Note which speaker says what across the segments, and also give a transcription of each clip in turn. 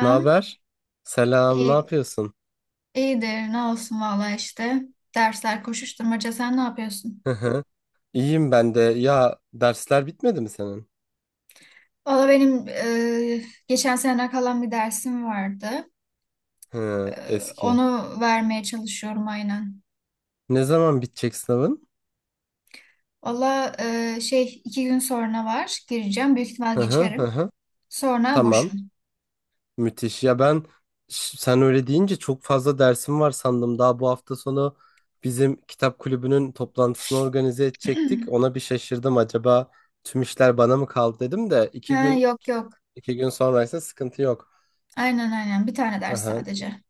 Speaker 1: Ne haber? Selam, ne
Speaker 2: İyi,
Speaker 1: yapıyorsun?
Speaker 2: iyidir. Ne olsun valla işte. Dersler koşuşturmaca. Sen ne yapıyorsun?
Speaker 1: Hı hı. İyiyim ben de. Ya dersler bitmedi mi senin?
Speaker 2: Valla benim geçen sene kalan bir dersim vardı. E,
Speaker 1: Hı, eski.
Speaker 2: Onu vermeye çalışıyorum aynen.
Speaker 1: Ne zaman bitecek sınavın?
Speaker 2: Valla şey 2 gün sonra var. Gireceğim. Büyük ihtimal
Speaker 1: Hı hı hı,
Speaker 2: geçerim.
Speaker 1: hı.
Speaker 2: Sonra
Speaker 1: Tamam.
Speaker 2: boşum.
Speaker 1: Müthiş. Ya ben sen öyle deyince çok fazla dersim var sandım. Daha bu hafta sonu bizim kitap kulübünün toplantısını organize edecektik. Ona bir şaşırdım. Acaba tüm işler bana mı kaldı dedim de iki
Speaker 2: Ha,
Speaker 1: gün
Speaker 2: yok yok.
Speaker 1: iki gün sonraysa sıkıntı yok.
Speaker 2: Aynen aynen. Bir tane ders
Speaker 1: Aha,
Speaker 2: sadece.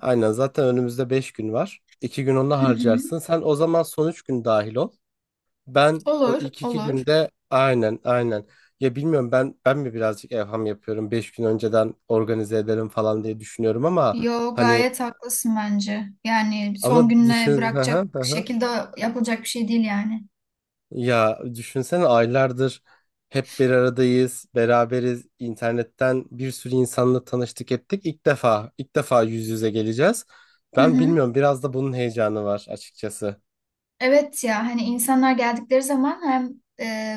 Speaker 1: aynen zaten önümüzde 5 gün var. İki gün onu
Speaker 2: Hı hı.
Speaker 1: harcarsın. Sen o zaman son 3 gün dahil ol. Ben o
Speaker 2: Olur,
Speaker 1: ilk 2
Speaker 2: olur.
Speaker 1: günde aynen aynen. Ya bilmiyorum ben mi birazcık evham yapıyorum. 5 gün önceden organize ederim falan diye düşünüyorum ama
Speaker 2: Yo,
Speaker 1: hani
Speaker 2: gayet haklısın bence. Yani
Speaker 1: ama
Speaker 2: son
Speaker 1: düşün
Speaker 2: gününe
Speaker 1: hı
Speaker 2: bırakacak
Speaker 1: hı, hı hı.
Speaker 2: şekilde yapılacak bir şey değil yani.
Speaker 1: Ya düşünsene aylardır hep bir aradayız, beraberiz. İnternetten bir sürü insanla tanıştık ettik. İlk defa ilk defa yüz yüze geleceğiz.
Speaker 2: Hı
Speaker 1: Ben
Speaker 2: hı.
Speaker 1: bilmiyorum biraz da bunun heyecanı var açıkçası.
Speaker 2: Evet ya, hani insanlar geldikleri zaman hem e,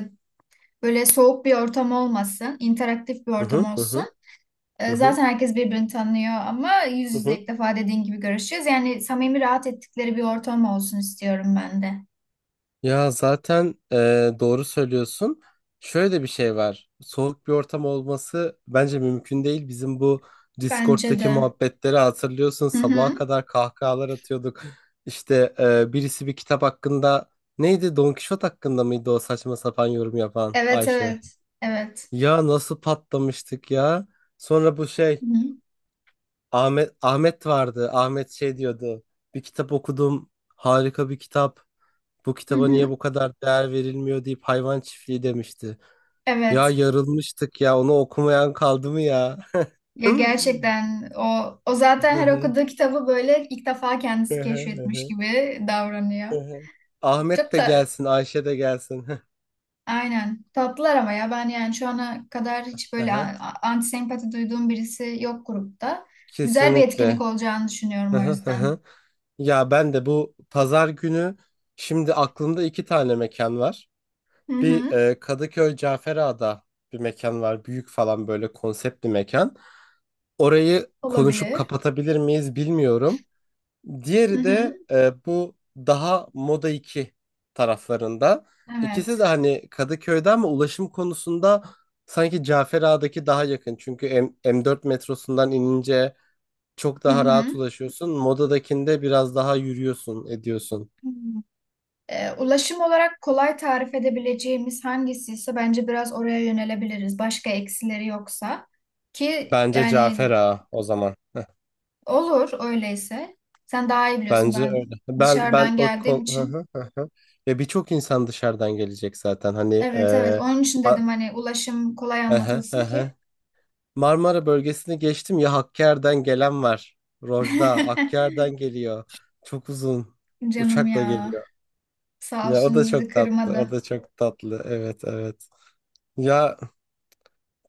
Speaker 2: böyle soğuk bir ortam olmasın, interaktif bir
Speaker 1: Hı
Speaker 2: ortam
Speaker 1: hı hı
Speaker 2: olsun.
Speaker 1: hı hı hı,
Speaker 2: Zaten herkes birbirini tanıyor ama yüz
Speaker 1: hı
Speaker 2: yüze
Speaker 1: hı.
Speaker 2: ilk defa dediğin gibi görüşeceğiz. Yani samimi, rahat ettikleri bir ortam olsun istiyorum ben de.
Speaker 1: Ya zaten doğru söylüyorsun. Şöyle de bir şey var. Soğuk bir ortam olması bence mümkün değil. Bizim bu
Speaker 2: Bence
Speaker 1: Discord'daki
Speaker 2: de.
Speaker 1: muhabbetleri hatırlıyorsun.
Speaker 2: Hı
Speaker 1: Sabaha
Speaker 2: hı.
Speaker 1: kadar kahkahalar atıyorduk. İşte birisi bir kitap hakkında neydi? Don Kişot hakkında mıydı o saçma sapan yorum yapan
Speaker 2: Evet
Speaker 1: Ayşe?
Speaker 2: evet. Evet.
Speaker 1: Ya nasıl patlamıştık ya? Sonra bu şey
Speaker 2: Hı hı.
Speaker 1: Ahmet vardı. Ahmet şey diyordu. Bir kitap okudum. Harika bir kitap. Bu
Speaker 2: Hı
Speaker 1: kitaba niye
Speaker 2: hı.
Speaker 1: bu kadar değer verilmiyor deyip hayvan çiftliği demişti. Ya
Speaker 2: Evet.
Speaker 1: yarılmıştık ya onu okumayan kaldı mı ya?
Speaker 2: Ya gerçekten o zaten her okuduğu kitabı böyle ilk defa kendisi keşfetmiş gibi davranıyor.
Speaker 1: Ahmet
Speaker 2: Çok
Speaker 1: de
Speaker 2: da.
Speaker 1: gelsin, Ayşe de gelsin.
Speaker 2: Aynen. Tatlılar ama ya, ben yani şu ana kadar hiç
Speaker 1: Hı
Speaker 2: böyle
Speaker 1: hı.
Speaker 2: antisempati duyduğum birisi yok grupta. Güzel bir etkinlik
Speaker 1: Kesinlikle.
Speaker 2: olacağını
Speaker 1: Hı
Speaker 2: düşünüyorum o
Speaker 1: hı hı
Speaker 2: yüzden.
Speaker 1: hı. Ya ben de bu pazar günü şimdi aklımda iki tane mekan var.
Speaker 2: Hı
Speaker 1: Bir
Speaker 2: hı.
Speaker 1: Kadıköy Caferağa'da bir mekan var. Büyük falan böyle konsept bir mekan. Orayı konuşup
Speaker 2: Olabilir.
Speaker 1: kapatabilir miyiz bilmiyorum.
Speaker 2: Hı
Speaker 1: Diğeri
Speaker 2: hı.
Speaker 1: de bu daha Moda 2 taraflarında. İkisi
Speaker 2: Evet.
Speaker 1: de hani Kadıköy'de ama ulaşım konusunda sanki Cafer Ağa'daki daha yakın. Çünkü M4 metrosundan inince çok
Speaker 2: Hı
Speaker 1: daha rahat
Speaker 2: hı.
Speaker 1: ulaşıyorsun. Moda'dakinde biraz daha yürüyorsun, ediyorsun.
Speaker 2: Hmm. Ulaşım olarak kolay tarif edebileceğimiz hangisi ise bence biraz oraya yönelebiliriz. Başka eksileri yoksa ki
Speaker 1: Bence Cafer
Speaker 2: yani
Speaker 1: Ağa o zaman.
Speaker 2: olur öyleyse. Sen daha iyi biliyorsun,
Speaker 1: Bence
Speaker 2: ben
Speaker 1: öyle. Ben
Speaker 2: dışarıdan
Speaker 1: o
Speaker 2: geldiğim
Speaker 1: hı
Speaker 2: için.
Speaker 1: hı, hı hı. Ya birçok insan dışarıdan gelecek zaten. Hani
Speaker 2: Evet evet, onun için
Speaker 1: a-
Speaker 2: dedim hani ulaşım kolay
Speaker 1: hı hı, hı
Speaker 2: anlatılsın ki.
Speaker 1: hı. Marmara bölgesini geçtim ya Hakkari'den gelen var. Rojda Hakkari'den geliyor. Çok uzun.
Speaker 2: Canım
Speaker 1: Uçakla
Speaker 2: ya,
Speaker 1: geliyor.
Speaker 2: sağ
Speaker 1: Ya o da
Speaker 2: olsun bizi
Speaker 1: çok tatlı. O
Speaker 2: kırmadı.
Speaker 1: da çok tatlı. Evet, evet. Ya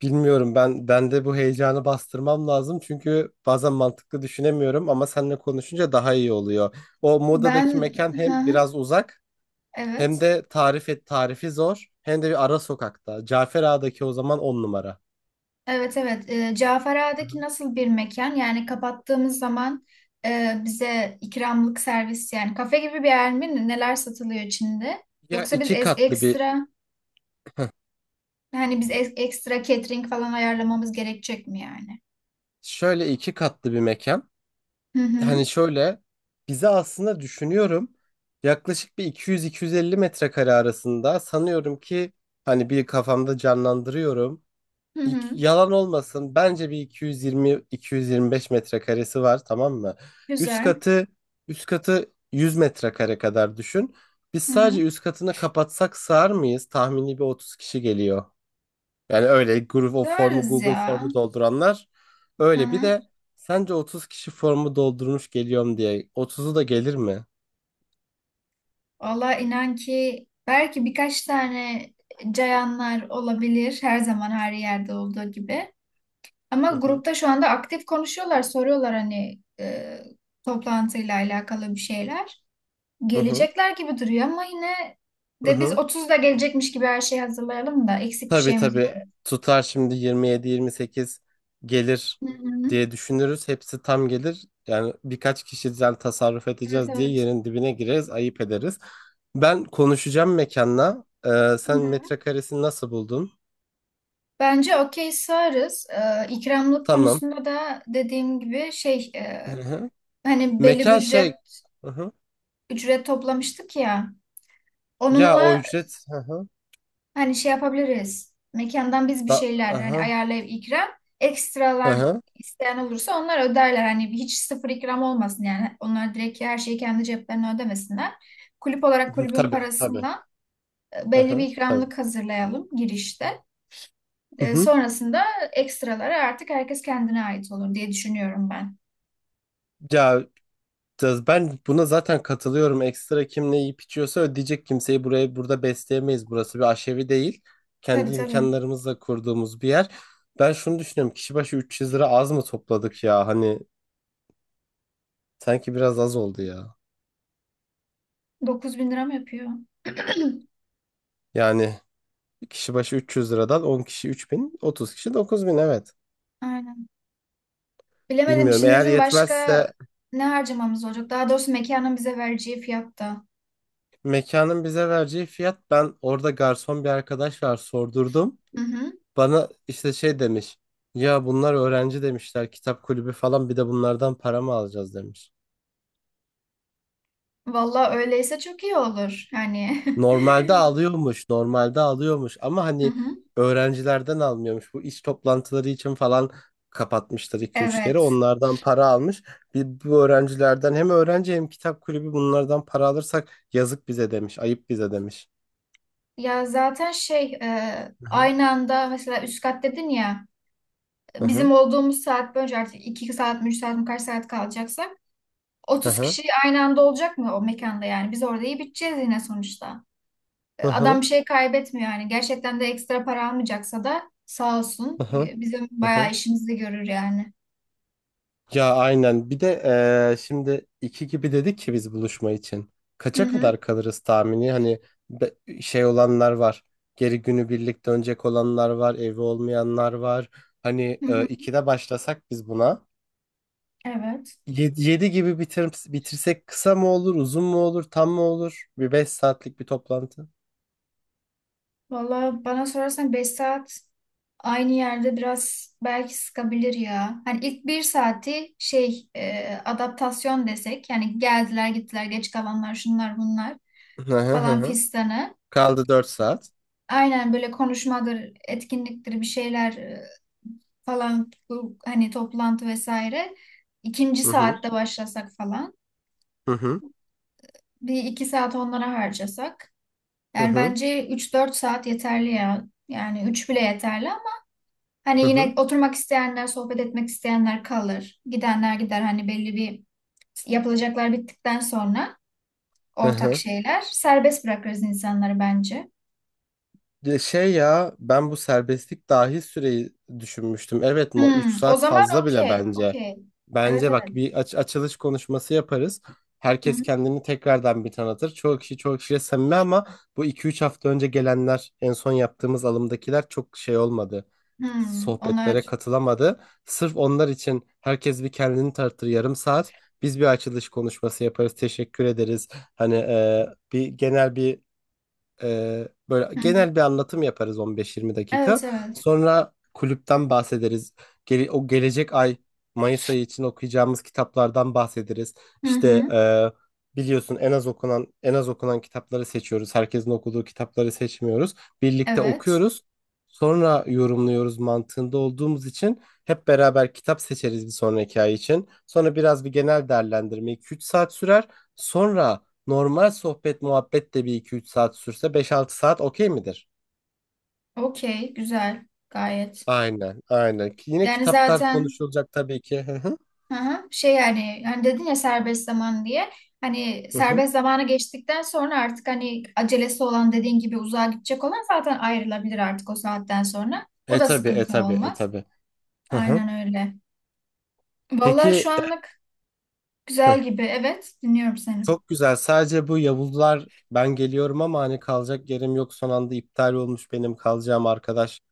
Speaker 1: bilmiyorum ben bende bu heyecanı bastırmam lazım çünkü bazen mantıklı düşünemiyorum ama seninle konuşunca daha iyi oluyor. O Moda'daki
Speaker 2: Ben,
Speaker 1: mekan
Speaker 2: hı
Speaker 1: hem
Speaker 2: hı,
Speaker 1: biraz uzak hem
Speaker 2: evet
Speaker 1: de tarif et tarifi zor hem de bir ara sokakta. Cafer Ağa'daki o zaman on numara.
Speaker 2: evet evet,
Speaker 1: Hı hı.
Speaker 2: Cafera'daki nasıl bir mekan, yani kapattığımız zaman bize ikramlık servis yani kafe gibi bir yer mi, neler satılıyor içinde?
Speaker 1: Ya
Speaker 2: Yoksa biz
Speaker 1: iki katlı bir
Speaker 2: ekstra, hani biz ekstra catering falan ayarlamamız gerekecek mi yani?
Speaker 1: şöyle iki katlı bir mekan.
Speaker 2: Hı hı
Speaker 1: Hani şöyle bize aslında düşünüyorum yaklaşık bir 200-250 metrekare arasında sanıyorum ki hani bir kafamda canlandırıyorum.
Speaker 2: hı hı,
Speaker 1: Yalan olmasın bence bir 220-225 metrekaresi var tamam mı? Üst
Speaker 2: güzel,
Speaker 1: katı üst katı 100 metrekare kadar düşün. Biz
Speaker 2: hı
Speaker 1: sadece
Speaker 2: hı,
Speaker 1: üst katını kapatsak sığar mıyız? Tahmini bir 30 kişi geliyor. Yani öyle Google o formu
Speaker 2: görürüz
Speaker 1: Google
Speaker 2: ya.
Speaker 1: formu dolduranlar
Speaker 2: Hı
Speaker 1: öyle bir
Speaker 2: hı.
Speaker 1: de sence 30 kişi formu doldurmuş geliyorum diye 30'u da gelir mi?
Speaker 2: Valla inan ki belki birkaç tane cayanlar olabilir, her zaman her yerde olduğu gibi. Ama
Speaker 1: Hı hı.
Speaker 2: grupta şu anda aktif konuşuyorlar, soruyorlar hani toplantıyla alakalı bir şeyler.
Speaker 1: Hı hı.
Speaker 2: Gelecekler gibi duruyor ama yine
Speaker 1: Hı
Speaker 2: de biz
Speaker 1: hı.
Speaker 2: 30'da gelecekmiş gibi her şeyi hazırlayalım da eksik bir
Speaker 1: Tabii,
Speaker 2: şeyimiz var.
Speaker 1: tabii, tutar şimdi 27-28 gelir
Speaker 2: Hı hı.
Speaker 1: diye düşünürüz. Hepsi tam gelir. Yani birkaç kişiden tasarruf
Speaker 2: Evet
Speaker 1: edeceğiz diye
Speaker 2: evet.
Speaker 1: yerin dibine gireriz, ayıp ederiz. Ben konuşacağım mekanla.
Speaker 2: Hı
Speaker 1: Sen
Speaker 2: hı.
Speaker 1: metrekaresini nasıl buldun?
Speaker 2: Bence okey sığarız. İkramlık
Speaker 1: Tamam.
Speaker 2: konusunda da dediğim gibi şey,
Speaker 1: Hı hı.
Speaker 2: hani belli bir
Speaker 1: Mekan
Speaker 2: ücret
Speaker 1: şey. Hı hı.
Speaker 2: ücret toplamıştık ya.
Speaker 1: Ya o
Speaker 2: Onunla
Speaker 1: ücret. Hı hı.
Speaker 2: hani şey yapabiliriz. Mekandan biz bir
Speaker 1: Da
Speaker 2: şeyler hani
Speaker 1: aha.
Speaker 2: ayarlayıp ikram, ekstralar
Speaker 1: Aha.
Speaker 2: isteyen olursa onlar öderler. Hani hiç sıfır ikram olmasın yani. Onlar direkt her şeyi kendi ceplerine ödemesinler. Kulüp olarak kulübün
Speaker 1: Tabii, tabii.
Speaker 2: parasından belli bir
Speaker 1: Aha. Tabii.
Speaker 2: ikramlık hazırlayalım girişte.
Speaker 1: Hı hı.
Speaker 2: Sonrasında ekstraları artık herkes kendine ait olur diye düşünüyorum ben.
Speaker 1: Ya ben buna zaten katılıyorum. Ekstra kim ne yiyip içiyorsa ödeyecek kimseyi buraya burada besleyemeyiz. Burası bir aşevi değil.
Speaker 2: Tabii
Speaker 1: Kendi
Speaker 2: tabii.
Speaker 1: imkanlarımızla kurduğumuz bir yer. Ben şunu düşünüyorum. Kişi başı 300 lira az mı topladık ya? Hani sanki biraz az oldu ya.
Speaker 2: 9 bin lira mı yapıyor?
Speaker 1: Yani kişi başı 300 liradan 10 kişi 3.000 30 kişi 9.000 evet.
Speaker 2: Aynen. Bilemedim.
Speaker 1: Bilmiyorum.
Speaker 2: Şimdi
Speaker 1: Eğer
Speaker 2: bizim başka
Speaker 1: yetmezse
Speaker 2: ne harcamamız olacak? Daha doğrusu mekanın bize vereceği fiyatta.
Speaker 1: mekanın bize vereceği fiyat ben orada garson bir arkadaş var sordurdum.
Speaker 2: Hı hı.
Speaker 1: Bana işte şey demiş. Ya bunlar öğrenci demişler kitap kulübü falan bir de bunlardan para mı alacağız demiş.
Speaker 2: Valla öyleyse çok iyi olur. Yani.
Speaker 1: Normalde alıyormuş ama
Speaker 2: Hı
Speaker 1: hani
Speaker 2: hı.
Speaker 1: öğrencilerden almıyormuş. Bu iş toplantıları için falan kapatmışlar 2-3 kere
Speaker 2: Evet.
Speaker 1: onlardan para almış. Bir, bu öğrencilerden hem öğrenci hem kitap kulübü bunlardan para alırsak yazık bize demiş ayıp bize demiş.
Speaker 2: Ya zaten şey,
Speaker 1: Hı hı.
Speaker 2: aynı anda mesela üst kat dedin ya,
Speaker 1: Hı hı.
Speaker 2: bizim olduğumuz saat boyunca artık 2 saat mi 3 saat mi kaç saat kalacaksak,
Speaker 1: Hı
Speaker 2: Otuz
Speaker 1: hı.
Speaker 2: kişi aynı anda olacak mı o mekanda yani? Biz orada iyi biteceğiz yine sonuçta.
Speaker 1: Hı hı.
Speaker 2: Adam bir şey kaybetmiyor yani. Gerçekten de ekstra para almayacaksa da sağ
Speaker 1: Hı
Speaker 2: olsun.
Speaker 1: hı.
Speaker 2: Bizim
Speaker 1: Hı
Speaker 2: bayağı
Speaker 1: hı.
Speaker 2: işimizi görür yani.
Speaker 1: Ya aynen. Bir de şimdi iki gibi dedik ki biz buluşma için.
Speaker 2: Hı
Speaker 1: Kaça
Speaker 2: hı.
Speaker 1: kadar kalırız tahmini? Hani be- şey olanlar var. Geri günü birlikte dönecek olanlar var. Evi olmayanlar var. Hani
Speaker 2: Hı hı.
Speaker 1: ikide başlasak biz buna.
Speaker 2: Evet.
Speaker 1: Yedi, yedi gibi bitir, bitirsek kısa mı olur, uzun mu olur, tam mı olur? Bir 5 saatlik bir toplantı.
Speaker 2: Valla bana sorarsan 5 saat aynı yerde biraz belki sıkabilir ya. Hani ilk bir saati şey, adaptasyon desek. Yani geldiler gittiler, geç kalanlar, şunlar bunlar
Speaker 1: Hı hı hı,
Speaker 2: falan
Speaker 1: hı.
Speaker 2: fistanı.
Speaker 1: Kaldı 4 saat.
Speaker 2: Aynen, böyle konuşmadır, etkinliktir, bir şeyler falan, bu hani toplantı vesaire. İkinci
Speaker 1: Hı hı.
Speaker 2: saatte başlasak falan.
Speaker 1: Hı hı.
Speaker 2: Bir iki saat onlara harcasak.
Speaker 1: Hı
Speaker 2: Yani
Speaker 1: hı.
Speaker 2: bence üç dört saat yeterli ya. Yani 3 bile yeterli ama hani
Speaker 1: Hı hı.
Speaker 2: yine oturmak isteyenler, sohbet etmek isteyenler kalır. Gidenler gider, hani belli bir yapılacaklar bittikten sonra
Speaker 1: Hı
Speaker 2: ortak
Speaker 1: hı.
Speaker 2: şeyler. Serbest bırakırız insanları bence.
Speaker 1: De şey ya ben bu serbestlik dahil süreyi düşünmüştüm. Evet 3
Speaker 2: O
Speaker 1: saat
Speaker 2: zaman
Speaker 1: fazla bile
Speaker 2: okey,
Speaker 1: bence.
Speaker 2: okey. Evet
Speaker 1: Bence bak
Speaker 2: evet.
Speaker 1: bir açılış konuşması yaparız. Herkes kendini tekrardan bir tanıtır. Çoğu kişi çoğu kişiyle samimi ama bu 2-3 hafta önce gelenler en son yaptığımız alımdakiler çok şey olmadı.
Speaker 2: Hmm, onlar.
Speaker 1: Sohbetlere katılamadı. Sırf onlar için herkes bir kendini tanıtır yarım saat. Biz bir açılış konuşması yaparız. Teşekkür ederiz. Hani bir genel bir böyle
Speaker 2: Hı hı.
Speaker 1: genel bir anlatım yaparız 15-20 dakika.
Speaker 2: Evet evet.
Speaker 1: Sonra kulüpten bahsederiz. O gelecek ay Mayıs ayı için okuyacağımız kitaplardan bahsederiz.
Speaker 2: Hı
Speaker 1: İşte
Speaker 2: hı.
Speaker 1: biliyorsun en az okunan kitapları seçiyoruz. Herkesin okuduğu kitapları seçmiyoruz. Birlikte
Speaker 2: Evet.
Speaker 1: okuyoruz. Sonra yorumluyoruz mantığında olduğumuz için hep beraber kitap seçeriz bir sonraki ay için. Sonra biraz bir genel değerlendirme 2-3 saat sürer. Sonra normal sohbet muhabbet de bir iki üç saat sürse 5-6 saat okey midir?
Speaker 2: Okey. Güzel. Gayet.
Speaker 1: Aynen, aynen. Ki yine
Speaker 2: Yani
Speaker 1: kitaplar
Speaker 2: zaten
Speaker 1: konuşulacak tabii ki. Hı hı.
Speaker 2: hı hı, şey yani, hani dedin ya serbest zaman diye. Hani
Speaker 1: Hı hı.
Speaker 2: serbest zamanı geçtikten sonra artık hani acelesi olan dediğin gibi uzağa gidecek olan zaten ayrılabilir artık o saatten sonra. O
Speaker 1: E
Speaker 2: da
Speaker 1: tabii, e
Speaker 2: sıkıntı
Speaker 1: tabii, e
Speaker 2: olmaz.
Speaker 1: tabii. Hı hı.
Speaker 2: Aynen öyle.
Speaker 1: Peki
Speaker 2: Vallahi şu anlık güzel
Speaker 1: hı.
Speaker 2: gibi. Evet. Dinliyorum seni.
Speaker 1: Çok güzel. Sadece bu Yavuzlar ben geliyorum ama hani kalacak yerim yok son anda iptal olmuş benim kalacağım arkadaş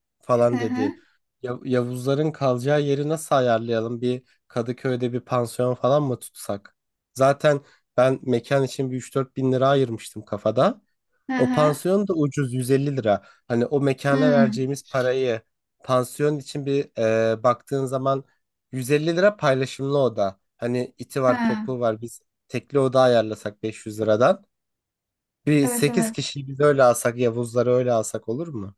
Speaker 2: Hı
Speaker 1: falan
Speaker 2: hı.
Speaker 1: dedi. Yavuzların kalacağı yeri nasıl ayarlayalım? Bir Kadıköy'de bir pansiyon falan mı tutsak? Zaten ben mekan için bir 3-4 bin lira ayırmıştım kafada.
Speaker 2: Hı
Speaker 1: O
Speaker 2: hı.
Speaker 1: pansiyon da ucuz 150 lira. Hani o mekana
Speaker 2: Hmm.
Speaker 1: vereceğimiz parayı pansiyon için bir baktığın zaman 150 lira paylaşımlı oda. Hani iti var,
Speaker 2: Ha.
Speaker 1: kopuğu var. Biz tekli oda ayarlasak 500 liradan. Bir
Speaker 2: Evet
Speaker 1: 8
Speaker 2: evet.
Speaker 1: kişiyi biz öyle alsak, Yavuzları öyle alsak olur mu?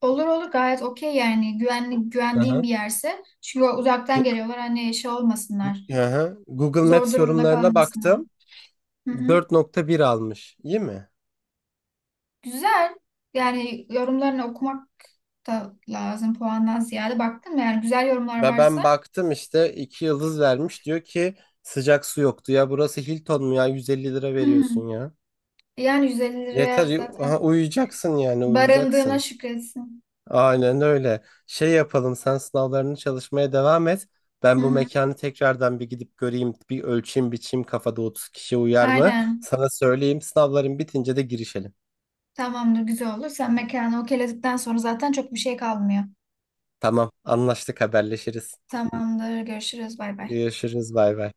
Speaker 2: Olur olur, gayet okey yani, güvenli,
Speaker 1: Hı
Speaker 2: güvendiğim
Speaker 1: hı.
Speaker 2: bir yerse. Çünkü uzaktan geliyorlar, hani şey olmasınlar.
Speaker 1: Google
Speaker 2: Zor
Speaker 1: Maps
Speaker 2: durumda
Speaker 1: yorumlarına
Speaker 2: kalmasınlar.
Speaker 1: baktım.
Speaker 2: Hı hı.
Speaker 1: 4,1 almış. İyi mi?
Speaker 2: Güzel. Yani yorumlarını okumak da lazım puandan ziyade. Baktın mı yani güzel yorumlar
Speaker 1: Ve ben
Speaker 2: varsa.
Speaker 1: baktım işte 2 yıldız vermiş. Diyor ki sıcak su yoktu ya. Burası Hilton mu ya? 150 lira
Speaker 2: Hı hı.
Speaker 1: veriyorsun ya.
Speaker 2: Yani 150 liraya
Speaker 1: Yeter
Speaker 2: zaten
Speaker 1: ha, uyuyacaksın yani
Speaker 2: barındığına
Speaker 1: uyuyacaksın.
Speaker 2: şükretsin.
Speaker 1: Aynen öyle. Şey yapalım sen sınavlarını çalışmaya devam et.
Speaker 2: Hı
Speaker 1: Ben bu
Speaker 2: hı.
Speaker 1: mekanı tekrardan bir gidip göreyim, bir ölçeyim, biçeyim kafada 30 kişi uyar mı?
Speaker 2: Aynen.
Speaker 1: Sana söyleyeyim sınavların bitince de girişelim.
Speaker 2: Tamamdır, güzel olur. Sen mekanı okeyledikten sonra zaten çok bir şey kalmıyor.
Speaker 1: Tamam, anlaştık haberleşiriz.
Speaker 2: Tamamdır. Görüşürüz. Bay bay.
Speaker 1: Görüşürüz bay bay.